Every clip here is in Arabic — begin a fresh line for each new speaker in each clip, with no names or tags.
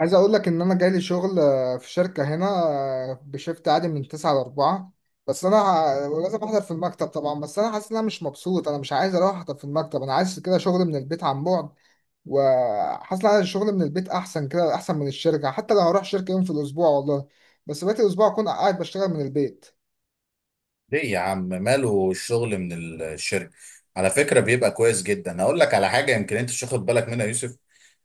عايز اقول لك ان انا جالي شغل في شركه هنا بشيفت عادي من 9 ل 4. بس انا لازم احضر في المكتب طبعا. بس انا حاسس ان انا مش مبسوط، انا مش عايز اروح احضر في المكتب، انا عايز كده شغل من البيت عن بعد. وحاسس ان أنا الشغل من البيت احسن كده، احسن من الشركه حتى لو هروح شركه يوم في الاسبوع والله. بس بقيت الاسبوع اكون قاعد بشتغل من البيت.
ليه يا عم، ماله الشغل من الشركة؟ على فكرة بيبقى كويس جدا. هقول لك على حاجة يمكن انت مش واخد بالك منها يا يوسف.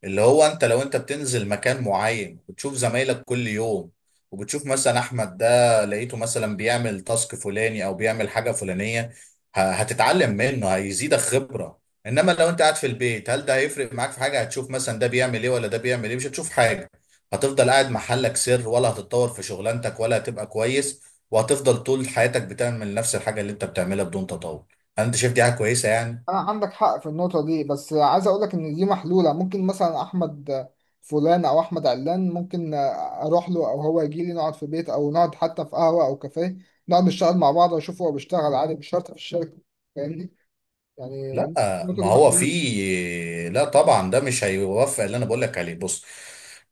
اللي هو انت لو انت بتنزل مكان معين وبتشوف زمايلك كل يوم، وبتشوف مثلا احمد ده لقيته مثلا بيعمل تاسك فلاني او بيعمل حاجة فلانية، هتتعلم منه، هيزيدك خبرة. انما لو انت قاعد في البيت، هل ده هيفرق معاك في حاجة؟ هتشوف مثلا ده بيعمل ايه ولا ده بيعمل ايه؟ مش هتشوف حاجة. هتفضل قاعد محلك سر، ولا هتتطور في شغلانتك ولا هتبقى كويس. وهتفضل طول حياتك بتعمل نفس الحاجة اللي انت بتعملها بدون تطور. هل انت شايف دي حاجة كويسة يعني؟
انا عندك حق في النقطه دي، بس عايز اقول لك ان دي محلوله. ممكن مثلا احمد فلان او احمد علان، ممكن اروح له او هو يجي لي، نقعد في بيت او نقعد حتى في قهوه او كافيه، نقعد نشتغل مع بعض، واشوف هو بيشتغل عادي، مش شرط في الشركه. فاهمني؟
لا،
يعني النقطه
ما
دي
هو في.
محلوله.
لا طبعا، ده مش هيوفق. اللي انا بقول لك عليه، بص،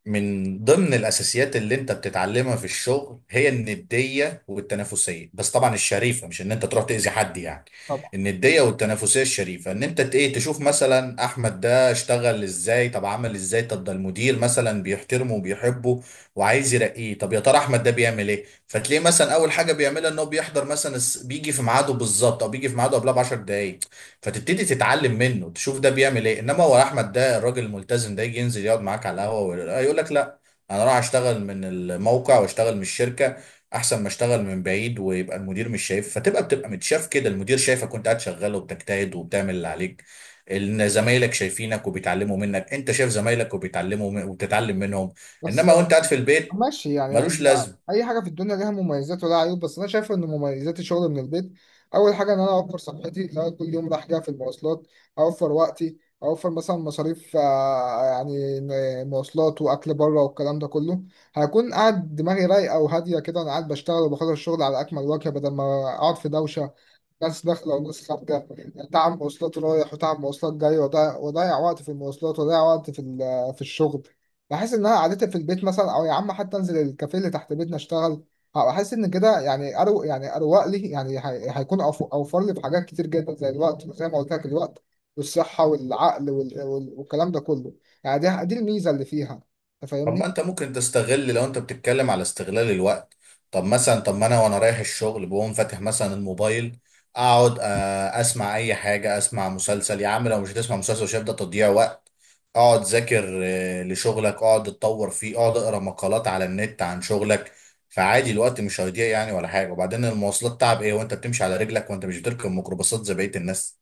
من ضمن الاساسيات اللي انت بتتعلمها في الشغل هي النديه والتنافسيه، بس طبعا الشريفه، مش ان انت تروح تاذي حد يعني.
طبعا.
النديه والتنافسيه الشريفه ان انت ت- ايه تشوف مثلا احمد ده اشتغل ازاي، طب عمل ازاي، طب ده المدير مثلا بيحترمه وبيحبه وعايز يرقيه. طب يا ترى احمد ده بيعمل ايه؟ فتلاقيه مثلا اول حاجه بيعملها ان هو بيحضر مثلا بيجي في ميعاده بالظبط، او بيجي في ميعاده قبلها ب 10 دقائق. فتبتدي تتعلم منه، تشوف ده بيعمل ايه. انما هو احمد ده الراجل الملتزم ده يجي ينزل يقعد معاك على القهوه ويقول يقول لك لا، انا راح اشتغل من الموقع واشتغل من الشركه، احسن ما اشتغل من بعيد ويبقى المدير مش شايف. فتبقى متشاف كده، المدير شايفك وانت قاعد شغال وبتجتهد وبتعمل اللي عليك، ان زمايلك شايفينك وبيتعلموا منك، انت شايف زمايلك وبيتعلموا وبتتعلم منهم.
بس
انما وانت قاعد في البيت،
ماشي، يعني
ملوش لازمه.
اي حاجه في الدنيا ليها مميزات ولها عيوب. بس انا شايف ان مميزات الشغل من البيت، اول حاجه ان انا اوفر صحتي لو أنا كل يوم رايح جاي في المواصلات. اوفر وقتي، اوفر مثلا مصاريف، يعني مواصلات واكل بره والكلام ده كله. هكون قاعد دماغي رايقه وهاديه كده، انا قاعد بشتغل وبخلص الشغل على اكمل وجه بدل ما اقعد في دوشه، ناس داخلة وناس خارجة، تعب مواصلات رايح وتعب مواصلات جاي، وضيع وقت في المواصلات، وضيع وقت في الشغل. بحس إن أنا قعدتي في البيت مثلا، أو يا عم حتى أنزل الكافيه اللي تحت بيتنا أشتغل. أحس إن كده يعني، أروق لي، يعني هيكون أوفر لي في حاجات كتير جدا، زي الوقت، زي ما قلت لك الوقت والصحة والعقل والكلام ده كله. يعني دي الميزة اللي فيها. أنت
طب ما
فاهمني؟
انت ممكن تستغل، لو انت بتتكلم على استغلال الوقت، طب مثلا، طب ما انا وانا رايح الشغل بقوم فاتح مثلا الموبايل، اقعد اسمع اي حاجه، اسمع مسلسل يا عم. لو مش هتسمع مسلسل شايف ده تضييع وقت، اقعد ذاكر لشغلك، اقعد اتطور فيه، اقعد اقرا مقالات على النت عن شغلك. فعادي الوقت مش هيضيع يعني ولا حاجه. وبعدين المواصلات، تعب ايه وانت بتمشي على رجلك وانت مش بتركب ميكروباصات زي بقيه الناس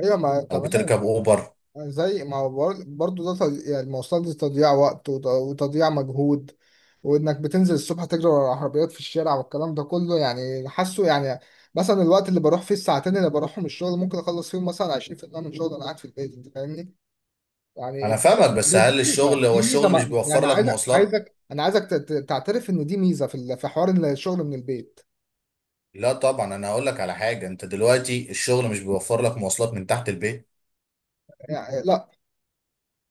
أيوة، ما
او
تمام.
بتركب اوبر؟
زي ما هو برضو ده تضييع، يعني المواصلات دي تضييع وقت وتضييع مجهود. وانك بتنزل الصبح تجري ورا العربيات في الشارع والكلام ده كله، يعني حاسه يعني. مثلا الوقت اللي بروح فيه، الساعتين اللي بروحهم الشغل، ممكن اخلص فيهم مثلا 20% من شغل انا قاعد في البيت. انت فاهمني؟ يعني
انا فاهمك، بس
دي دي
هل
ميزه
الشغل، هو
دي ميزه
الشغل مش
ما يعني
بيوفر لك
عايزك
مواصلات؟
عايزك انا عايزك تعترف ان دي ميزه في حوار إن الشغل من البيت.
لا طبعا، انا هقول لك على حاجه. انت دلوقتي الشغل مش بيوفر لك مواصلات من تحت البيت،
يعني لا.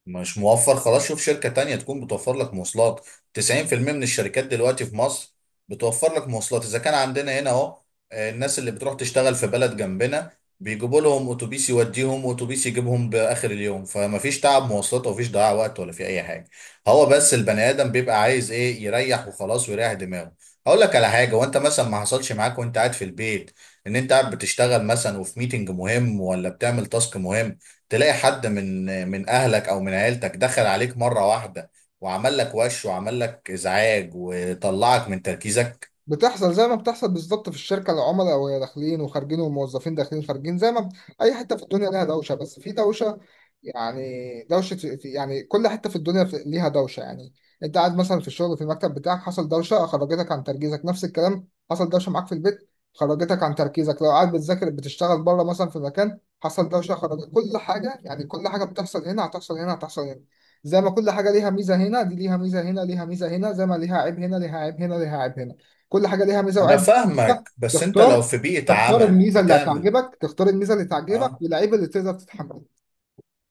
مش موفر، خلاص شوف شركة تانية تكون بتوفر لك مواصلات. 90% من الشركات دلوقتي في مصر بتوفر لك مواصلات. إذا كان عندنا هنا أهو، الناس اللي بتروح تشتغل في بلد جنبنا بيجيبوا لهم أتوبيس يوديهم وأتوبيس يجيبهم بآخر اليوم، فما فيش تعب مواصلات وما فيش ضياع وقت ولا في أي حاجة. هو بس البني آدم بيبقى عايز إيه؟ يريح وخلاص ويريح دماغه. هقول لك على حاجة، وأنت مثلا ما حصلش معاك وأنت قاعد في البيت، إن أنت قاعد بتشتغل مثلا وفي ميتنج مهم ولا بتعمل تاسك مهم، تلاقي حد من اهلك او من عيلتك دخل عليك مره واحده وعمل لك وش وعمل لك ازعاج وطلعك من تركيزك.
بتحصل زي ما بتحصل بالظبط في الشركه، العملاء وهي داخلين وخارجين، والموظفين داخلين خارجين، زي ما بت- اي حته في الدنيا لها دوشه، بس في دوشه يعني. دوشه، يعني كل حته في الدنيا ليها دوشه يعني. انت قاعد مثلا في الشغل في المكتب بتاعك، حصل دوشه خرجتك عن تركيزك. نفس الكلام حصل دوشه معاك في البيت، خرجتك عن تركيزك. لو قاعد بتذاكر بتشتغل بره مثلا في مكان، حصل دوشه خرجت كل حاجه. يعني كل حاجه بتحصل هنا هتحصل هنا، هتحصل هنا. زي ما كل حاجه ليها ميزه هنا، دي ليها ميزه هنا، ليها ميزه هنا، زي ما ليها عيب هنا، ليها عيب هنا، ليها عيب هنا. كل حاجه ليها ميزه
انا
وعيب. أنت
فاهمك، بس انت لو
تختار
في بيئه
تختار
عمل
الميزه اللي
بتعمل.
هتعجبك، تختار الميزه اللي
اه
تعجبك والعيب اللي تقدر تتحمله.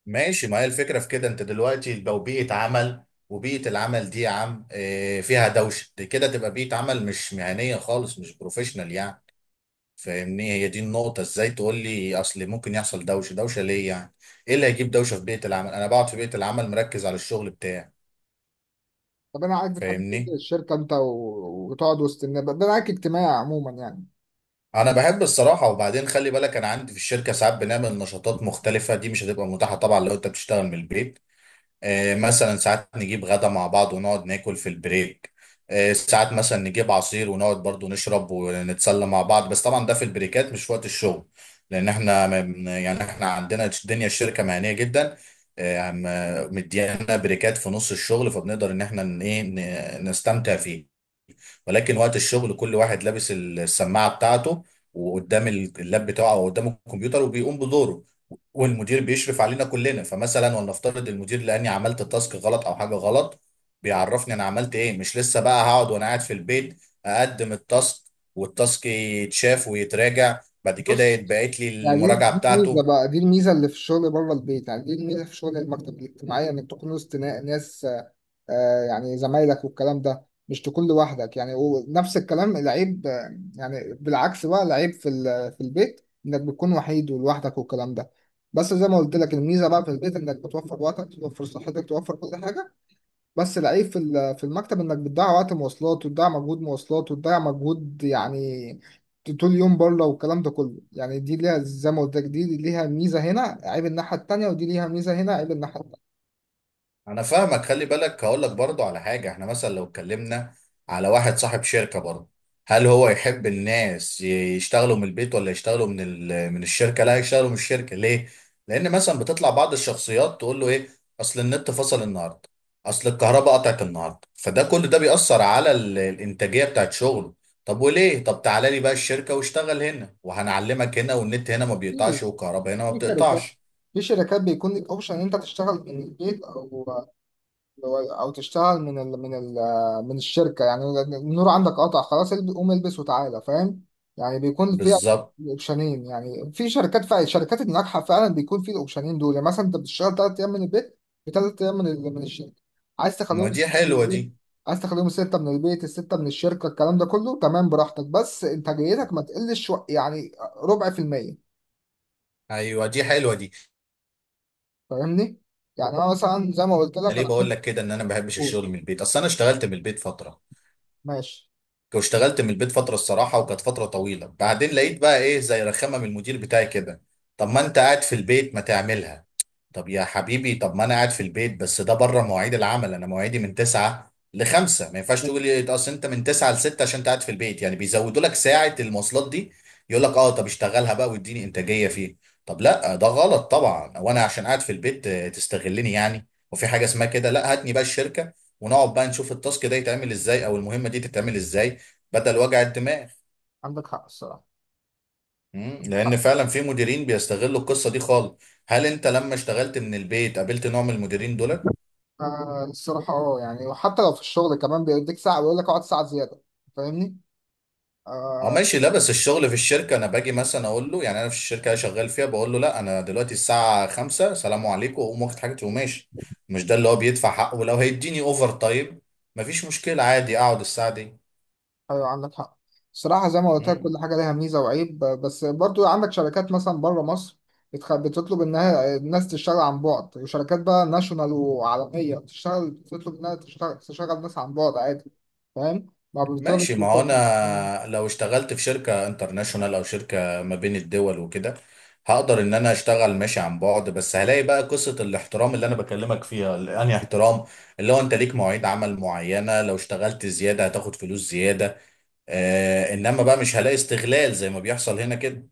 ماشي، ما هي الفكره في كده. انت دلوقتي لو بيئه عمل، وبيئه العمل دي يا عم فيها دوشه، دي كده تبقى بيئه عمل مش مهنيه خالص، مش بروفيشنال يعني. فاهمني، هي دي النقطه. ازاي تقول لي اصل ممكن يحصل دوشه؟ دوشه ليه يعني؟ ايه اللي هيجيب دوشه في بيئه العمل؟ انا بقعد في بيئه العمل مركز على الشغل بتاعي،
طب انا عارف بتحب تنزل
فاهمني.
الشركه انت و... وتقعد وسط الناس، ده معاك اجتماعي عموما يعني.
انا بحب الصراحه. وبعدين خلي بالك انا عندي في الشركه ساعات بنعمل نشاطات مختلفه، دي مش هتبقى متاحه طبعا لو انت بتشتغل من البيت. آه مثلا ساعات نجيب غدا مع بعض ونقعد ناكل في البريك، آه ساعات مثلا نجيب عصير ونقعد برضو نشرب ونتسلى مع بعض. بس طبعا ده في البريكات مش في وقت الشغل، لان احنا ما بن- يعني احنا عندنا الدنيا، الشركه مهنيه جدا مديانا بريكات في نص الشغل، فبنقدر ان احنا نستمتع فيه. ولكن وقت الشغل كل واحد لابس السماعه بتاعته، وقدام اللاب بتاعه او قدام الكمبيوتر وبيقوم بدوره. والمدير بيشرف علينا كلنا، فمثلا ولنفترض المدير لاني عملت تاسك غلط او حاجه غلط، بيعرفني انا عملت ايه. مش لسه بقى هقعد وانا قاعد في البيت اقدم التاسك، والتاسك يتشاف ويتراجع بعد كده
بص.
يتبعت لي
يعني دي
المراجعه
الميزه
بتاعته.
بقى، دي الميزه اللي في الشغل بره البيت، يعني دي الميزه في شغل المكتب، الاجتماعيه انك تكون وسط ناس، يعني زمايلك والكلام ده، مش تكون لوحدك يعني. ونفس الكلام العيب، يعني بالعكس بقى العيب في البيت، انك بتكون وحيد ولوحدك والكلام ده. بس زي ما قلت لك، الميزه بقى في البيت انك بتوفر وقتك، توفر صحتك، توفر كل حاجه. بس العيب في المكتب انك بتضيع وقت مواصلات، وتضيع مجهود مواصلات، وتضيع مجهود يعني طول اليوم بره والكلام ده كله. يعني دي ليها زي ما قلت لك، دي ليها ميزه هنا، عيب الناحيه التانيه، ودي ليها ميزه هنا، عيب الناحيه التانيه.
انا فاهمك، خلي بالك هقول لك برضه على حاجه. احنا مثلا لو اتكلمنا على واحد صاحب شركه برضه، هل هو يحب الناس يشتغلوا من البيت ولا يشتغلوا من من الشركه؟ لا، يشتغلوا من الشركه. ليه؟ لان مثلا بتطلع بعض الشخصيات تقول له ايه، اصل النت فصل النهارده، اصل الكهرباء قطعت النهارده، فده كل ده بيأثر على الانتاجيه بتاعت شغله. طب وليه؟ طب تعالى لي بقى الشركه واشتغل هنا وهنعلمك هنا، والنت هنا ما
في
بيقطعش والكهرباء هنا ما
في شركات
بتقطعش.
في شركات بيكون لك اوبشن ان انت تشتغل من البيت، او تشتغل من الشركه يعني. النور عندك قطع خلاص، قوم البس وتعالى. فاهم؟ يعني بيكون فيها
بالظبط،
اوبشنين. يعني في شركات فعلا، الشركات الناجحه فعلا بيكون في الاوبشنين دول، يعني مثلا انت بتشتغل 3 ايام من البيت، وثلاث ايام من الشركه. عايز
ما
تخليهم
دي
سته من
حلوه دي.
البيت. عايز تخليهم سته من البيت، السته من الشركه، الكلام ده كله تمام براحتك، بس انتاجيتك ما تقلش يعني ربع في الميه.
ايوه دي حلوه دي.
فاهمني؟ يعني انا مثلا زي ما قلت
انا
لك.
ليه بقول لك كده ان انا ما بحبش
أوه.
الشغل من البيت؟ اصل انا اشتغلت من البيت فتره،
ماشي.
واشتغلت من البيت فتره الصراحه وكانت فتره طويله. بعدين لقيت بقى ايه، زي رخامه من المدير بتاعي كده، طب ما انت قاعد في البيت ما تعملها. طب يا حبيبي، طب ما انا قاعد في البيت، بس ده بره مواعيد العمل، انا مواعيدي من 9 ل 5. ما ينفعش تقول لي اصل انت من 9 ل 6 عشان انت قاعد في البيت، يعني بيزودوا لك ساعة المواصلات دي. يقول لك اه، طب اشتغلها بقى واديني انتاجية فيه. طب لا، ده غلط طبعا، وانا عشان قاعد في البيت تستغلني يعني. وفي حاجة اسمها كده؟ لا، هاتني بقى الشركة ونقعد بقى نشوف التاسك ده يتعمل ازاي او المهمة دي تتعمل ازاي، بدل وجع الدماغ.
عندك حق الصراحة. عندك
لان
حق.
فعلا في مديرين بيستغلوا القصة دي خالص. هل انت لما اشتغلت من البيت قابلت نوع من المديرين دول؟
آه، الصراحة اه، يعني وحتى لو في الشغل كمان بيديك ساعة بيقول لك اقعد ساعة زيادة. فاهمني؟
اه
آه.
ماشي. لا بس الشغل في الشركة انا باجي مثلا اقول له، يعني انا في الشركة اللي شغال فيها بقول له لا، انا دلوقتي الساعة 5 سلام عليكم، واقوم واخد حاجتي وماشي. مش ده اللي هو بيدفع حقه؟ ولو هيديني اوفر تايم مفيش مشكلة، عادي اقعد الساعة دي.
ايوه عندك حق. الصراحة زي ما قلت لك كل
مم.
حاجة ليها ميزة وعيب، بس برضو عندك شركات مثلا بره مصر، بتطلب انها الناس تشتغل عن بعد، وشركات بقى ناشونال وعالمية بتشتغل، بتطلب انها تشتغل، تشغل ناس عن بعد عادي. فاهم؟ ما بيضطرش.
ماشي. ما هو انا لو اشتغلت في شركة انترناشونال او شركة ما بين الدول وكده، هقدر ان انا اشتغل ماشي عن بعد. بس هلاقي بقى قصة الاحترام اللي انا بكلمك فيها. انهي احترام؟ اللي هو انت ليك مواعيد عمل معينة، لو اشتغلت زيادة هتاخد فلوس زيادة. آه، انما بقى مش هلاقي استغلال زي ما بيحصل هنا كده.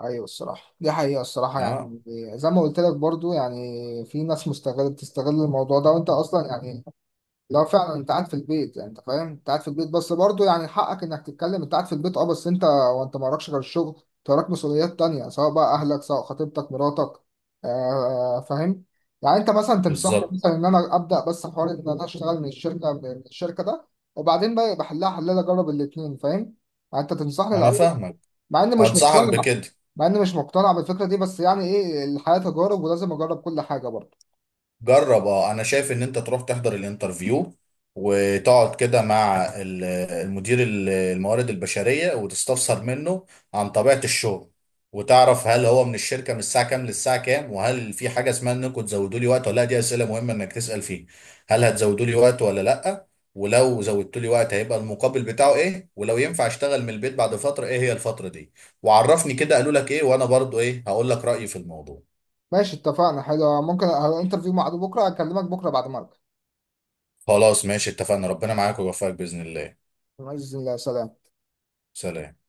ايوه الصراحه دي حقيقه، الصراحه
اه،
يعني. زي ما قلت لك برضو، يعني في ناس مستغل بتستغل الموضوع ده. وانت اصلا يعني، لو فعلا انت قاعد في البيت يعني، انت فاهم انت قاعد في البيت، بس برضو يعني حقك انك تتكلم. انت قاعد في البيت اه، بس انت وانت ما وراكش غير الشغل، انت وراك مسؤوليات تانية، سواء بقى اهلك، سواء خطيبتك، مراتك. آه فاهم. يعني انت مثلا تنصحني
بالظبط.
مثلا ان انا ابدا بس حوار ان انا اشتغل من الشركه ده، وبعدين بقى بحلها حلال اجرب الاثنين. فاهم؟ يعني انت تنصحني
انا
الاول.
فاهمك،
مع اني مش
انصحك
مقتنع.
بكده،
مع اني مش مقتنع بالفكره دي، بس يعني ايه، الحياه تجارب ولازم اجرب كل حاجه برضه.
جرب. اه انا شايف ان انت تروح تحضر الانترفيو، وتقعد كده مع المدير، الموارد البشرية، وتستفسر منه عن طبيعة الشغل. وتعرف هل هو من الشركة من الساعة كام للساعة كام، وهل في حاجة اسمها انكم تزودوا لي وقت ولا لا، دي أسئلة مهمة انك تسأل فيه. هل هتزودوا لي وقت ولا لا، ولو زودتوا لي وقت هيبقى المقابل بتاعه ايه، ولو ينفع اشتغل من البيت بعد فترة ايه هي الفترة دي. وعرفني كده قالوا لك ايه وانا برضو ايه هقول لك رأيي في الموضوع.
ماشي اتفقنا. حلو، ممكن انترفيو مع عدو بكره، اكلمك بكره بعد ما ارجع.
خلاص ماشي اتفقنا، ربنا معاك ويوفقك بإذن الله.
باذن الله. سلام.
سلام.